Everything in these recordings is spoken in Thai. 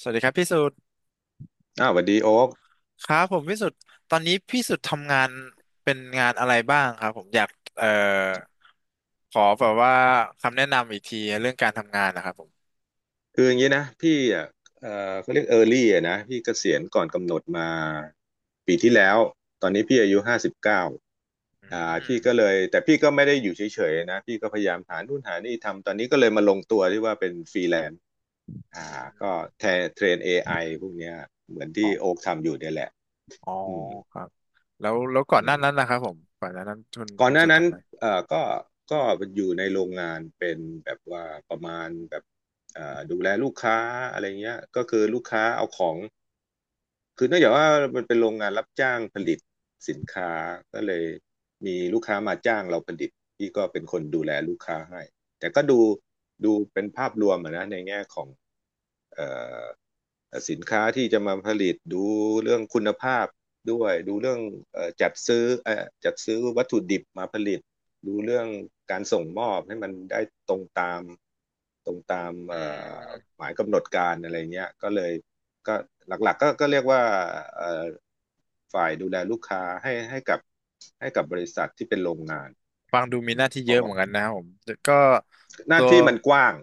สวัสดีครับพี่สุดอ้าวสวัสดีโอ๊คครับผมพี่สุดตอนนี้พี่สุดทำงานเป็นงานอะไรบ้างครับผมอยากเอ่อขอแบบว่าคำแนะนำอีกทีเรื่องการทำงานนะครับผมคืออย่างนี้นะพี่อ่ะเขาเรียกเออร์ลี่อ่ะนะพี่เกษียณก่อนกำหนดมาปีที่แล้วตอนนี้พี่อายุ59อืพี่มก็เลยแต่พี่ก็ไม่ได้อยู่เฉยๆนะพี่ก็พยายามหานู่นหานี่ทำตอนนี้ก็เลยมาลงตัวที่ว่าเป็นฟรีแลนซ์อือ่ามก็แทนเทรน AI พวกเนี้ยเหมือนที่อ๋อโอ๊คทำอยู่เนี่ยแหละอ๋ออืมครับแล้วก่ออืนหน้านั้นม นะครับผมก่อนหน้านั้นคุณก่อนคุณหน้าสุดนั้นทำอะไรเอ่อก็ก็อยู่ในโรงงานเป็นแบบว่าประมาณแบบดูแลลูกค้าอะไรเงี้ยก็คือลูกค้าเอาของคือเนื่องจากว่ามันเป็นโรงงานรับจ้างผลิตสินค้าก็เลยมีลูกค้ามาจ้างเราผลิตพี่ก็เป็นคนดูแลลูกค้าให้แต่ก็ดูดูเป็นภาพรวมอะนะในแง่ของเอ่อ สินค้าที่จะมาผลิตดูเรื่องคุณภาพด้วยดูเรื่องจัดซื้อจัดซื้อวัตถุดิบมาผลิตดูเรื่องการส่งมอบให้มันได้ตรงตามตรงตามอืมหมายกำหนดการอะไรเงี้ยก็เลยก็หลักๆก็เรียกว่าฝ่ายดูแลลูกค้าให้ให้กับบริษัทที่เป็นโรงงานฟังดูมีหน้าที่เพเยอะเหราะมือนกันนะครับผมแต่ก็หน้าตัวที่มันกว้าง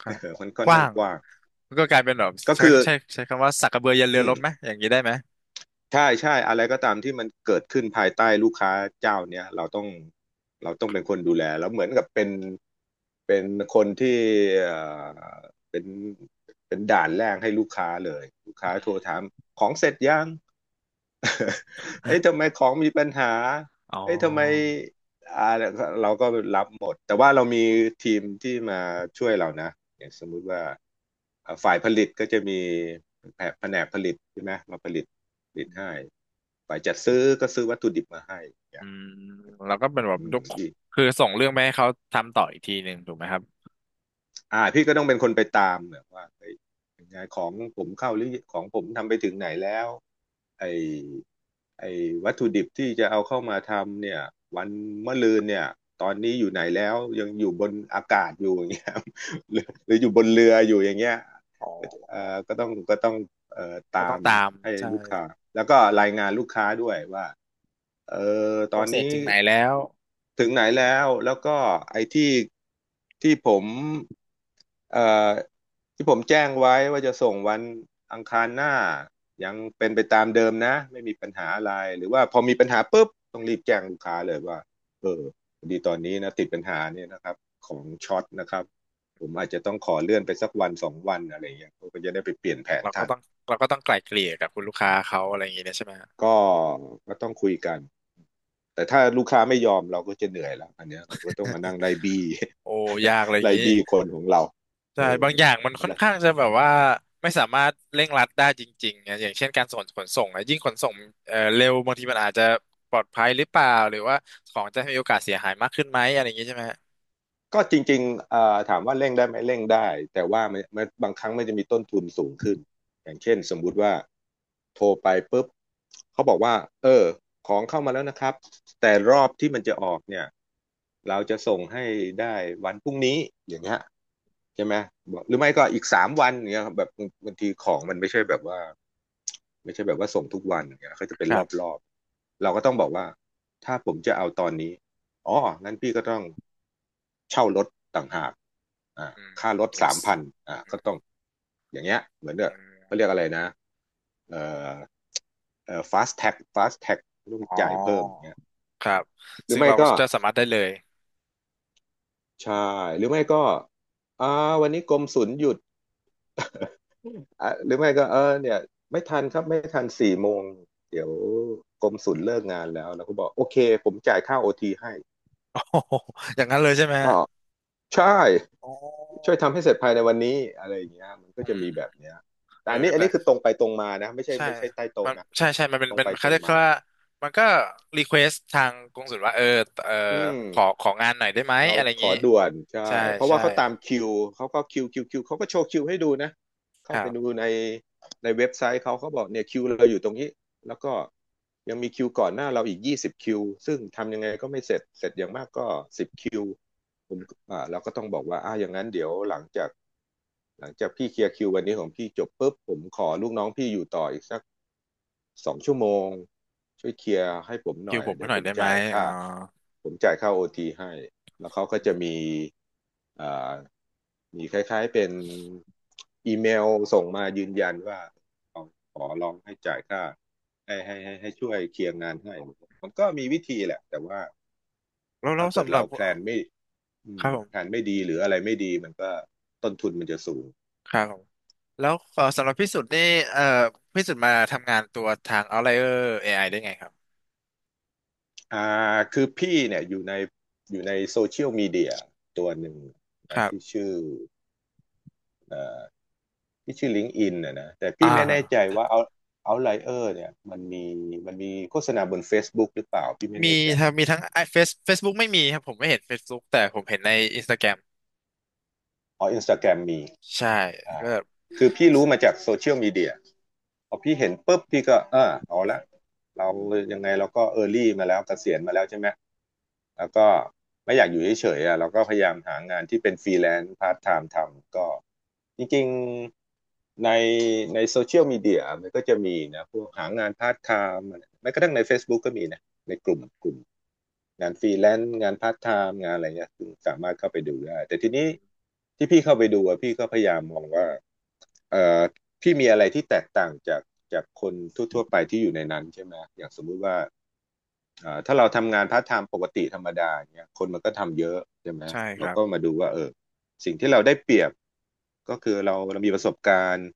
ครับ มันค่อกนข้าว้างงกว้างก็กลายเป็นแบบก็ใช้คือใช้ใช้คำว่าสักกระเบือยันเรืออืรม บไหมอย่างนี้ได้ไหมใช่ใช่อะไรก็ตามที่มันเกิดขึ้นภายใต้ลูกค้าเจ้าเนี้ยเราต้องเป็นคนดูแลแล้วเหมือนกับเป็นคนที่เอ่อเป็นเป็นด่านแรกให้ลูกค้าเลยลูกค้าอืโทรถามมของเสร็จยัง เอ้ยทำไมของมีปัญหาอ๋เอ้ยทำไมอ อ่าเราก็รับหมดแต่ว่าเรามีทีมที่มาช่วยเรานะอย่างสมมุติว่าอ่าฝ่ายผลิตก็จะมีแผนกผลิตใช่ไหมมาผลิตผลิตให้ฝ่ายจัดซื้อก็ซื้อวัตถุดิบมาให้อย่าอืงมแล้วก็เป็นแบบอืยมกพี่คือส่งเรื่องไปให้เขาทำต่ออีกทีหนึ่งถูกไหมครับพี่ก็ต้องเป็นคนไปตามเนี่ยว่าเฮ้ยยังไงของผมเข้าหรือของผมทำไปถึงไหนแล้วไอ ไอ้วัตถุดิบที่จะเอาเข้ามาทำเนี่ยวันมะรืนเนี่ยตอนนี้อยู่ไหนแล้วยังอยู่บนอากาศอยู่อย่างเงี้ย หรือหรืออยู่บนเรืออยู่อย่างเงี้ยอ๋อก็ต้องก็ตาต้องมตามให้ใช่ลูกค้าแล้วก็รายงานลูกค้าด้วยว่าเออโปตรอนเซสนี้ ถึงไหนแล้วถึงไหนแล้วแล้วก็ไอ้ที่ที่ผมเอ่อที่ผมแจ้งไว้ว่าจะส่งวันอังคารหน้ายังเป็นไปตามเดิมนะไม่มีปัญหาอะไรหรือว่าพอมีปัญหาปุ๊บต้องรีบแจ้งลูกค้าเลยว่าเออพอดีตอนนี้นะติดปัญหาเนี่ยนะครับของช็อตนะครับผมอาจจะต้องขอเลื่อนไปสักวันสองวันอะไรอย่างเงี้ยเขาก็จะได้ไปเปลี่ยนแผนเราก็ทัน ต้องเราก็ต้องไกล่เกลี่ยกับคุณลูกค้าเขาอะไรอย่างงี้เนี่ยใช่ไหมฮะก็ก็ต้องคุยกันแต่ถ้าลูกค้าไม่ยอมเราก็จะเหนื่อยแล้วอันเนี้ยเราก็ต้องมานั่งไล่บี้ โอ้ยากอะไร อย่างไล่งี้บี้คนของเราใช่เออบางอย่างมันอะค่อนไรข้างจะแบบว่าไม่สามารถเร่งรัดได้จริงๆนะอย่างเช่นการส่งขนส่งนะยิ่งขนส่งเร็วบางทีมันอาจจะปลอดภัยหรือเปล่าหรือว่าของจะมีโอกาสเสียหายมากขึ้นไหมอะไรอย่างงี้ใช่ไหมฮะก็จริงๆถามว่าเร่งได้ไหมเร่งได้แต่ว่ามันบางครั้งมันจะมีต้นทุนสูงขึ้นอย่างเช่นสมมุติว่าโทรไปปุ๊บเขาบอกว่าเออของเข้ามาแล้วนะครับแต่รอบที่มันจะออกเนี่ยเราจะส่งให้ได้วันพรุ่งนี้อย่างเงี้ย ใช่ไหมบอกหรือไม่ก็อีกสามวันอย่างเงี้ยครับแบบบางทีของมันไม่ใช่แบบว่าไม่ใช่แบบว่าส่งทุกวันอย่างเงี้ยเขาจะเป็นครัรบอบๆเราก็ต้องบอกว่าถ้าผมจะเอาตอนนี้อ๋องั้นพี่ก็ต้องเช่ารถต่างหากอ่าอืม ค่ารถสา yes มพันอ่าก็ต้องอย่างเงี้ยเหมือนเด้ออืเขาม เรียกอะไรนะเอ่อfast tag ต้องอ๋อจ่ายเพิ่มอย่างเงี้ยครับหรือซึ่งไม่เราก็ก็จะสามารถได้เลย ใช่หรือไม่ก็อ่าวันนี้กรมศุลหยุด อ่ะหรือไม่ก็เออเนี่ยไม่ทันครับไม่ทันสี่โมงเดี๋ยวกรมศุลเลิกงานแล้วแเราก็บอกโอเคผมจ่ายค่าโอทีให้ โอ้โหอย่างนั้นเลยใช่ไหมอ๋อฮะใช่โอ้ช่วยอทำให้เสร็จภายในวันนี้อะไรอย่างเงี้ยมันก็ืจะมีมแบบเนี้ยเอแต่ออันนี้อันได้นี้คือตรงไปตรงมานะไม่ใช่ใช่ไม่ใช่ใต้โต๊ะมันนะใช่มันเป็นตรงเป็ไปนตเขารงเรียกมาว่ามันก็รีเควสทางกงสุลว่าเออเอออืม ขอของานหน่อยได้ไหมเราอะไรอย่าขงอนี้ด่วนใช่ใช่เพราะใช่ว่าเขาตามคิวเขาก็คิวเขาก็โชว์คิวให้ดูนะคเข้ารัไปดูบในในเว็บไซต์เขาเขาบอกเนี่ยคิวเราอยู่ตรงนี้แล้วก็ยังมีคิวก่อนหน้าเราอีก20คิวซึ่งทำยังไงก็ไม่เสร็จเสร็จอย่างมากก็สิบคิวผมอ่าเราก็ต้องบอกว่าอ่าอย่างนั้นเดี๋ยวหลังจากพี่เคลียร์คิววันนี้ของพี่จบปุ๊บผมขอลูกน้องพี่อยู่ต่ออีกสัก สองชั่วโมงช่วยเคลียร์ให้ผมหคิน่วอยผมเดี๋ให้ยวหน่ผอยมได้ไหมจ่ายอ๋ค่าอผมจ่ายค่าโอทีให้แล้วเขาก็อืจะมีมอ่ามีคล้ายๆเป็นอีเมลส่งมายืนยันว่าขอขอลองให้จ่ายค่าให้ช่วยเคลียร์งานให้มันก็มีวิธีแหละแต่ว่าแล้วแล้ถ้าวเกิดสำหรัเราบแพลนไม่ครับผแผมนไม่ดีหรืออะไรไม่ดีมันก็ต้นทุนมันจะสูง ครับผมแล้วสำหรับพี่สุดนี่เอ่อพี่สุดมาทำงานตัวทาง Outlier เอไอได้ไงครับคือพี่เนี่ยอยู่ในอยู่ในโซเชียลมีเดียตัวหนึ่งคนะรัที่บชื่อเอ่อที่ชื่อ LinkedIn นนะนะแต่อ่พี่ไม่แน่ใจา ว่าเอาเอาไลเออร์เนี่ยมันมีมันมีโฆษณาบน Facebook หรือเปล่าพี่ไม่มีแน่ใจ ทั้งไอเฟซเฟซบุ๊กไม่มีครับผมไม่เห็น Facebook แต่ผมเห็นในอินสตาแกรมอ๋ออินสตาแกรมมีใช่ก็อ่าคือพี่รู้มาจากโซเชียลมีเดียพอพี่เห็นปุ๊บพี่ก็เออเอาละเรายังไงเราก็เออร์ลี่มาแล้วเกษียณมาแล้วใช่ไหมแล้วก็ไม่อยากอยู่เฉยๆอ่ะเราก็พยายามหางานที่เป็นฟรีแลนซ์พาร์ทไทม์ทำก็จริงๆในในโซเชียลมีเดียมันก็จะมีนะพวกหางานพาร์ทไทม์แม้กระทั่งใน Facebook ก็มีนะ ในกลุ่มงานฟรีแลนซ์งานพาร์ทไทม์งานอะไรเงี้ยซึ่งสามารถเข้าไปดูได้แต่ทีนี้ที่พี่เข้าไปดูอะพี่ก็พยายามมองว่าเอ่อพี่มีอะไรที่แตกต่างจากจากคนทั่วๆไปที่อยู่ในนั้นใช่ไหมอย่างสมมุติว่าถ้าเราทำงานพาร์ทไทม์ปกติธรรมดาเนี่ยคนมันก็ทำเยอะใช่ไหมใช่คเรารับก็มาดูว่าเออสิ่งที่เราได้เปรียบก็คือเรามีประสบการณ์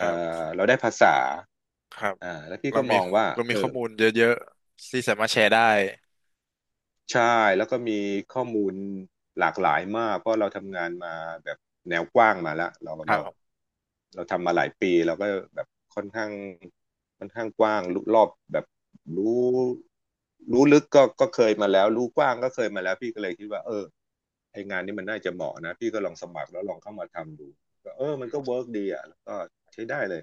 ค่รับเราได้ภาษาครับแล้วพี่เราก็มมีองว่าเรามีเอข้ออ มูลเยอะๆที่สามารถแชร์ได้ใช่แล้วก็มีข้อมูลหลากหลายมากเพราะเราทำงานมาแบบแนวกว้างมาแล้วเราครับเราผมเราทำมาหลายปีเราก็แบบค่อนข้างค่อนข้างกว้างรู้รอบแบบรู้รู้ลึกก็เคยมาแล้วรู้กว้างก็เคยมาแล้วพี่ก็เลยคิดว่าเออไองานนี้มันน่าจะเหมาะนะพี่ก็ลองสมัครแล้วลองเข้ามาทำดูก็เออมัอืนก็มเวิร์กดีอ่ะแล้วก็ใช้ได้เลย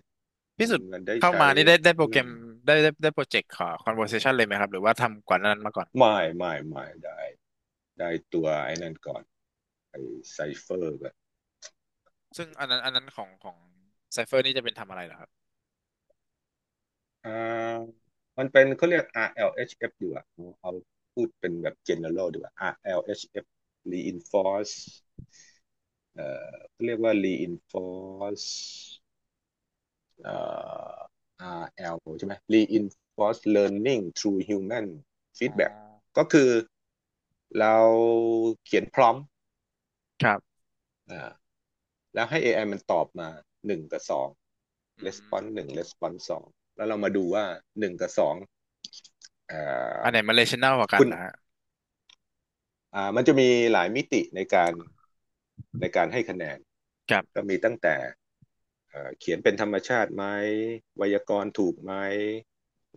พี่มันสุดมันได้เข้าใช้มานี่ได้โปรอืแกรมมได้โปรเจกต์ขอ conversation เลยไหมครับหรือว่าทำก่อนหนานั้นมาก่อนไม่ได้ได้ตัวไอ้นั่นก่อน ไอไซเฟอร์แบบซึ่งอันนั้นของ Cypher นี่จะเป็นทำอะไรเหรอครับอ่ามันเป็นเขาเรียก RLHF ดีกว่าเอาพูดเป็นแบบ general ดีกว่า RLHF reinforce เอ่เขาเรียกว่า reinforce เอ่อ RL ใช่ไหม reinforce learning through human อ๋อ feedback ก็คือเราเขียนพร้อมครับอ่าแล้วให้ AI มันตอบมาหนึ่งกับสอง อื response มหนึ่ง response สองแล้วเรามาดูว่าหนึ่งกับสองเอ่อ อันไหนมัน relational กว่ากัคุนณเหรอฮะมันจะมีหลายมิติในการในการให้คะแนนครัก็บมีตั้งแต่เขียนเป็นธรรมชาติไหมไวยากรณ์ถูกไหม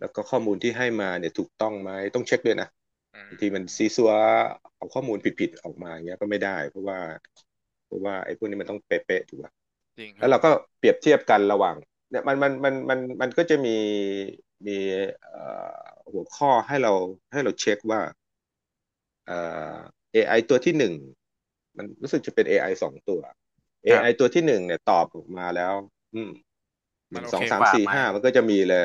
แล้วก็ข้อมูลที่ให้มาเนี่ยถูกต้องไหมต้องเช็คด้วยนะอืบางทีมันมซีซัวเอาข้อมูลผิดๆออกมาอย่างเงี้ยก็ไม่ได้เพราะว่าเพราะว่าไอ้พวกนี้มันต้องเป๊ะๆถูกป่ะจริงคแล้รับวผเรามก็เปรียบเทียบกันระหว่างเนี่ยมันก็จะมีมีเอ่อหัวข้อให้เราให้เราเช็คว่า เอ่AI ตัวที่หนึ่งมันรู้สึกจะเป็น AI สองตัว ครั AI บตัวที่หนึ่งเนี่ยตอบออกมาแล้วอืมหมันึ่นงโอสอเคงสากมว่าสี่ไหมห้ามันก็จะมีเลย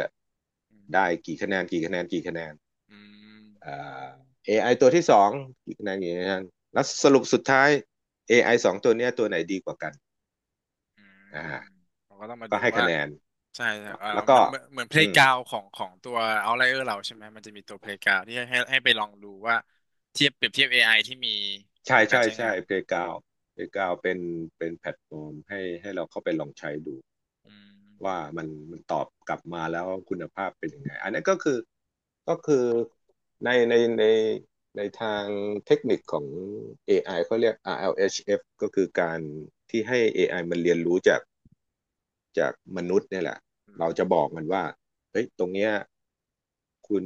อืม ได้กี่คะแนนกี่คะแนนอืมเอ่อ AI ตัวที่สองกี่คะแนนกี่คะแนนแล้วสรุปสุดท้าย AI สองตัวเนี้ยตัวไหนดีกว่ากันอืมอ่าเราก็ต้องมาก็ดูให้คะว่าแนนใช่ใช่เออแล้วเหก็มือนเหมือนเหมือนเพลอืย์มกราวของตัวเอาไลเออร์เราใช่ไหมมันจะมีตัวเพลย์กราวที่ให้ไปลองดูว่าเทียบเปรียบเทียบ AI ที่มีใช่กับการใช่ใช้ใช่ งาน Playground Playground เป็นเป็นแพลตฟอร์มให้เราเข้าไปลองใช้ดู อืมว่ามันตอบกลับมาแล้วคุณภาพเป็นยังไงอันนี้ก็คือก็คือในในในในทางเทคนิคของ AI เขาเรียก RLHF ก็คือการที่ให้ AI มันเรียนรู้จากจากมนุษย์เนี่ยแหละอืมเราจะบอกมันว่าเฮ้ยตรงเนี้ยคุณ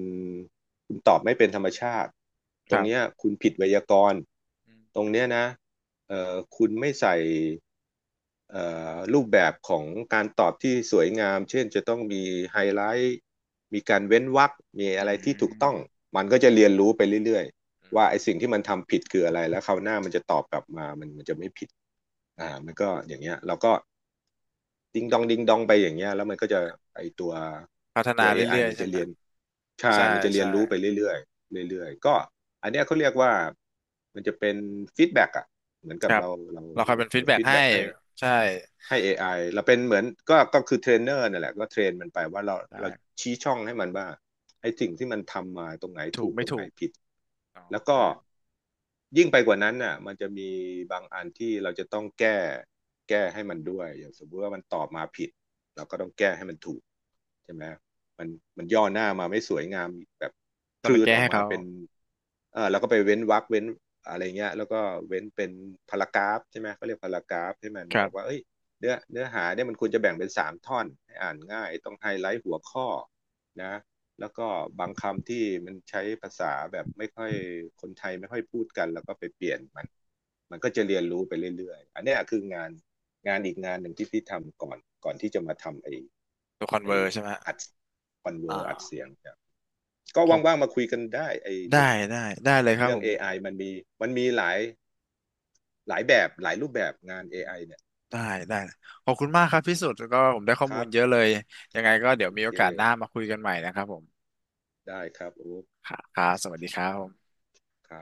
คุณตอบไม่เป็นธรรมชาติตครงรัเนี้ยบคุณผิดไวยากรณ์อืตมรงเนี้ยนะคุณไม่ใส่ เอ่รูปแบบของการตอบที่สวยงามเช่นจะต้องมีไฮไลท์มีการเว้นวรรคมีอือะไรที่ถูกต้องมมันก็จะเรียนรู้ไปเรื่อยอืๆว่าไอ้มสิ่งที่มันทำผิดคืออะไรแล้วคราวหน้ามันจะตอบกลับมามันจะไม่ผิดมันก็อย่างเงี้ยเราก็ดิงดองดิงดองไปอย่างเงี้ยแล้วมันก็จะไอ้ตัวพัฒนาตัว a อไอเรื่อยมันๆใช่จะไหมเรียนใช่ใช่มันจะเรียใช่นรู้ไปเรื่อยๆเรื่อยๆก็อันเนี้ยเขาเรียกว่ามันจะเป็นฟีดแบ็กอะเหมือนคกับรับเราเราคอยเราเป็นฟีเราดแบ็กฟีดให้แบ็กให้ ใช่ให้ AI เราเป็นเหมือนก็คือเทรนเนอร์นั่นแหละก็เทรนมันไปว่าเราได้ชี้ช่องให้มันว่าไอ้สิ่งที่มันทำมาตรงไหนถูถูกกไม่ตรงไหนถูกผิดอ๋อแล้วก็ได้ยิ่งไปกว่านั้นน่ะมันจะมีบางอันที่เราจะต้องแก้แก้ให้มันด้วยอย่างสมมติว่ามันตอบมาผิดเราก็ต้องแก้ให้มันถูกใช่ไหมมันมันย่อหน้ามาไม่สวยงามแบบแต่ไปพืดแก้ออกให้มาเขาเป็นเออเราก็ไปเว้นวรรคเว้นอะไรเงี้ยแล้วก็เว้นเป็นพารากราฟใช่ไหมเขาเรียกพารากราฟให้มันคบรัอกว่าบเอ้ย เนื้อหาเนี่ยมันควรจะแบ่งเป็นสามท่อนให้อ่านง่ายต้องไฮไลท์หัวข้อนะแล้วก็บางคำที่มันใช้ภาษาแบบไม่ค่อยคนไทยไม่ค่อยพูดกันแล้วก็ไปเปลี่ยนมันมันก็จะเรียนรู้ไปเรื่อยๆอันนี้คืองานอีกงานหนึ่งที่พี่ทำก่อนก่อนที่จะมาทำไอ้ตัวคอนเวไอ้อร์ใช่ไหมอัดคอนเวอ่อร์อัดเสีา ยงก็ว่างๆมาคุยกันได้ไอ้ได้เรื่องได้ได้เลยครับเรื่อผง ม AI มันมีมันมีหลายแบบหลายรูปแบบงานเอไอเนี่ยได้ได้ขอบคุณมากครับพี่สุดแล้วก็ผมได้ข้อคมูรัลบเยอะเลยยังไงก็เดี๋โอยวมีเคโอกาสหน้ามาคุยกันใหม่นะครับผมได้ครับโอ้ ค่ะครับสวัสดีครับผมครับ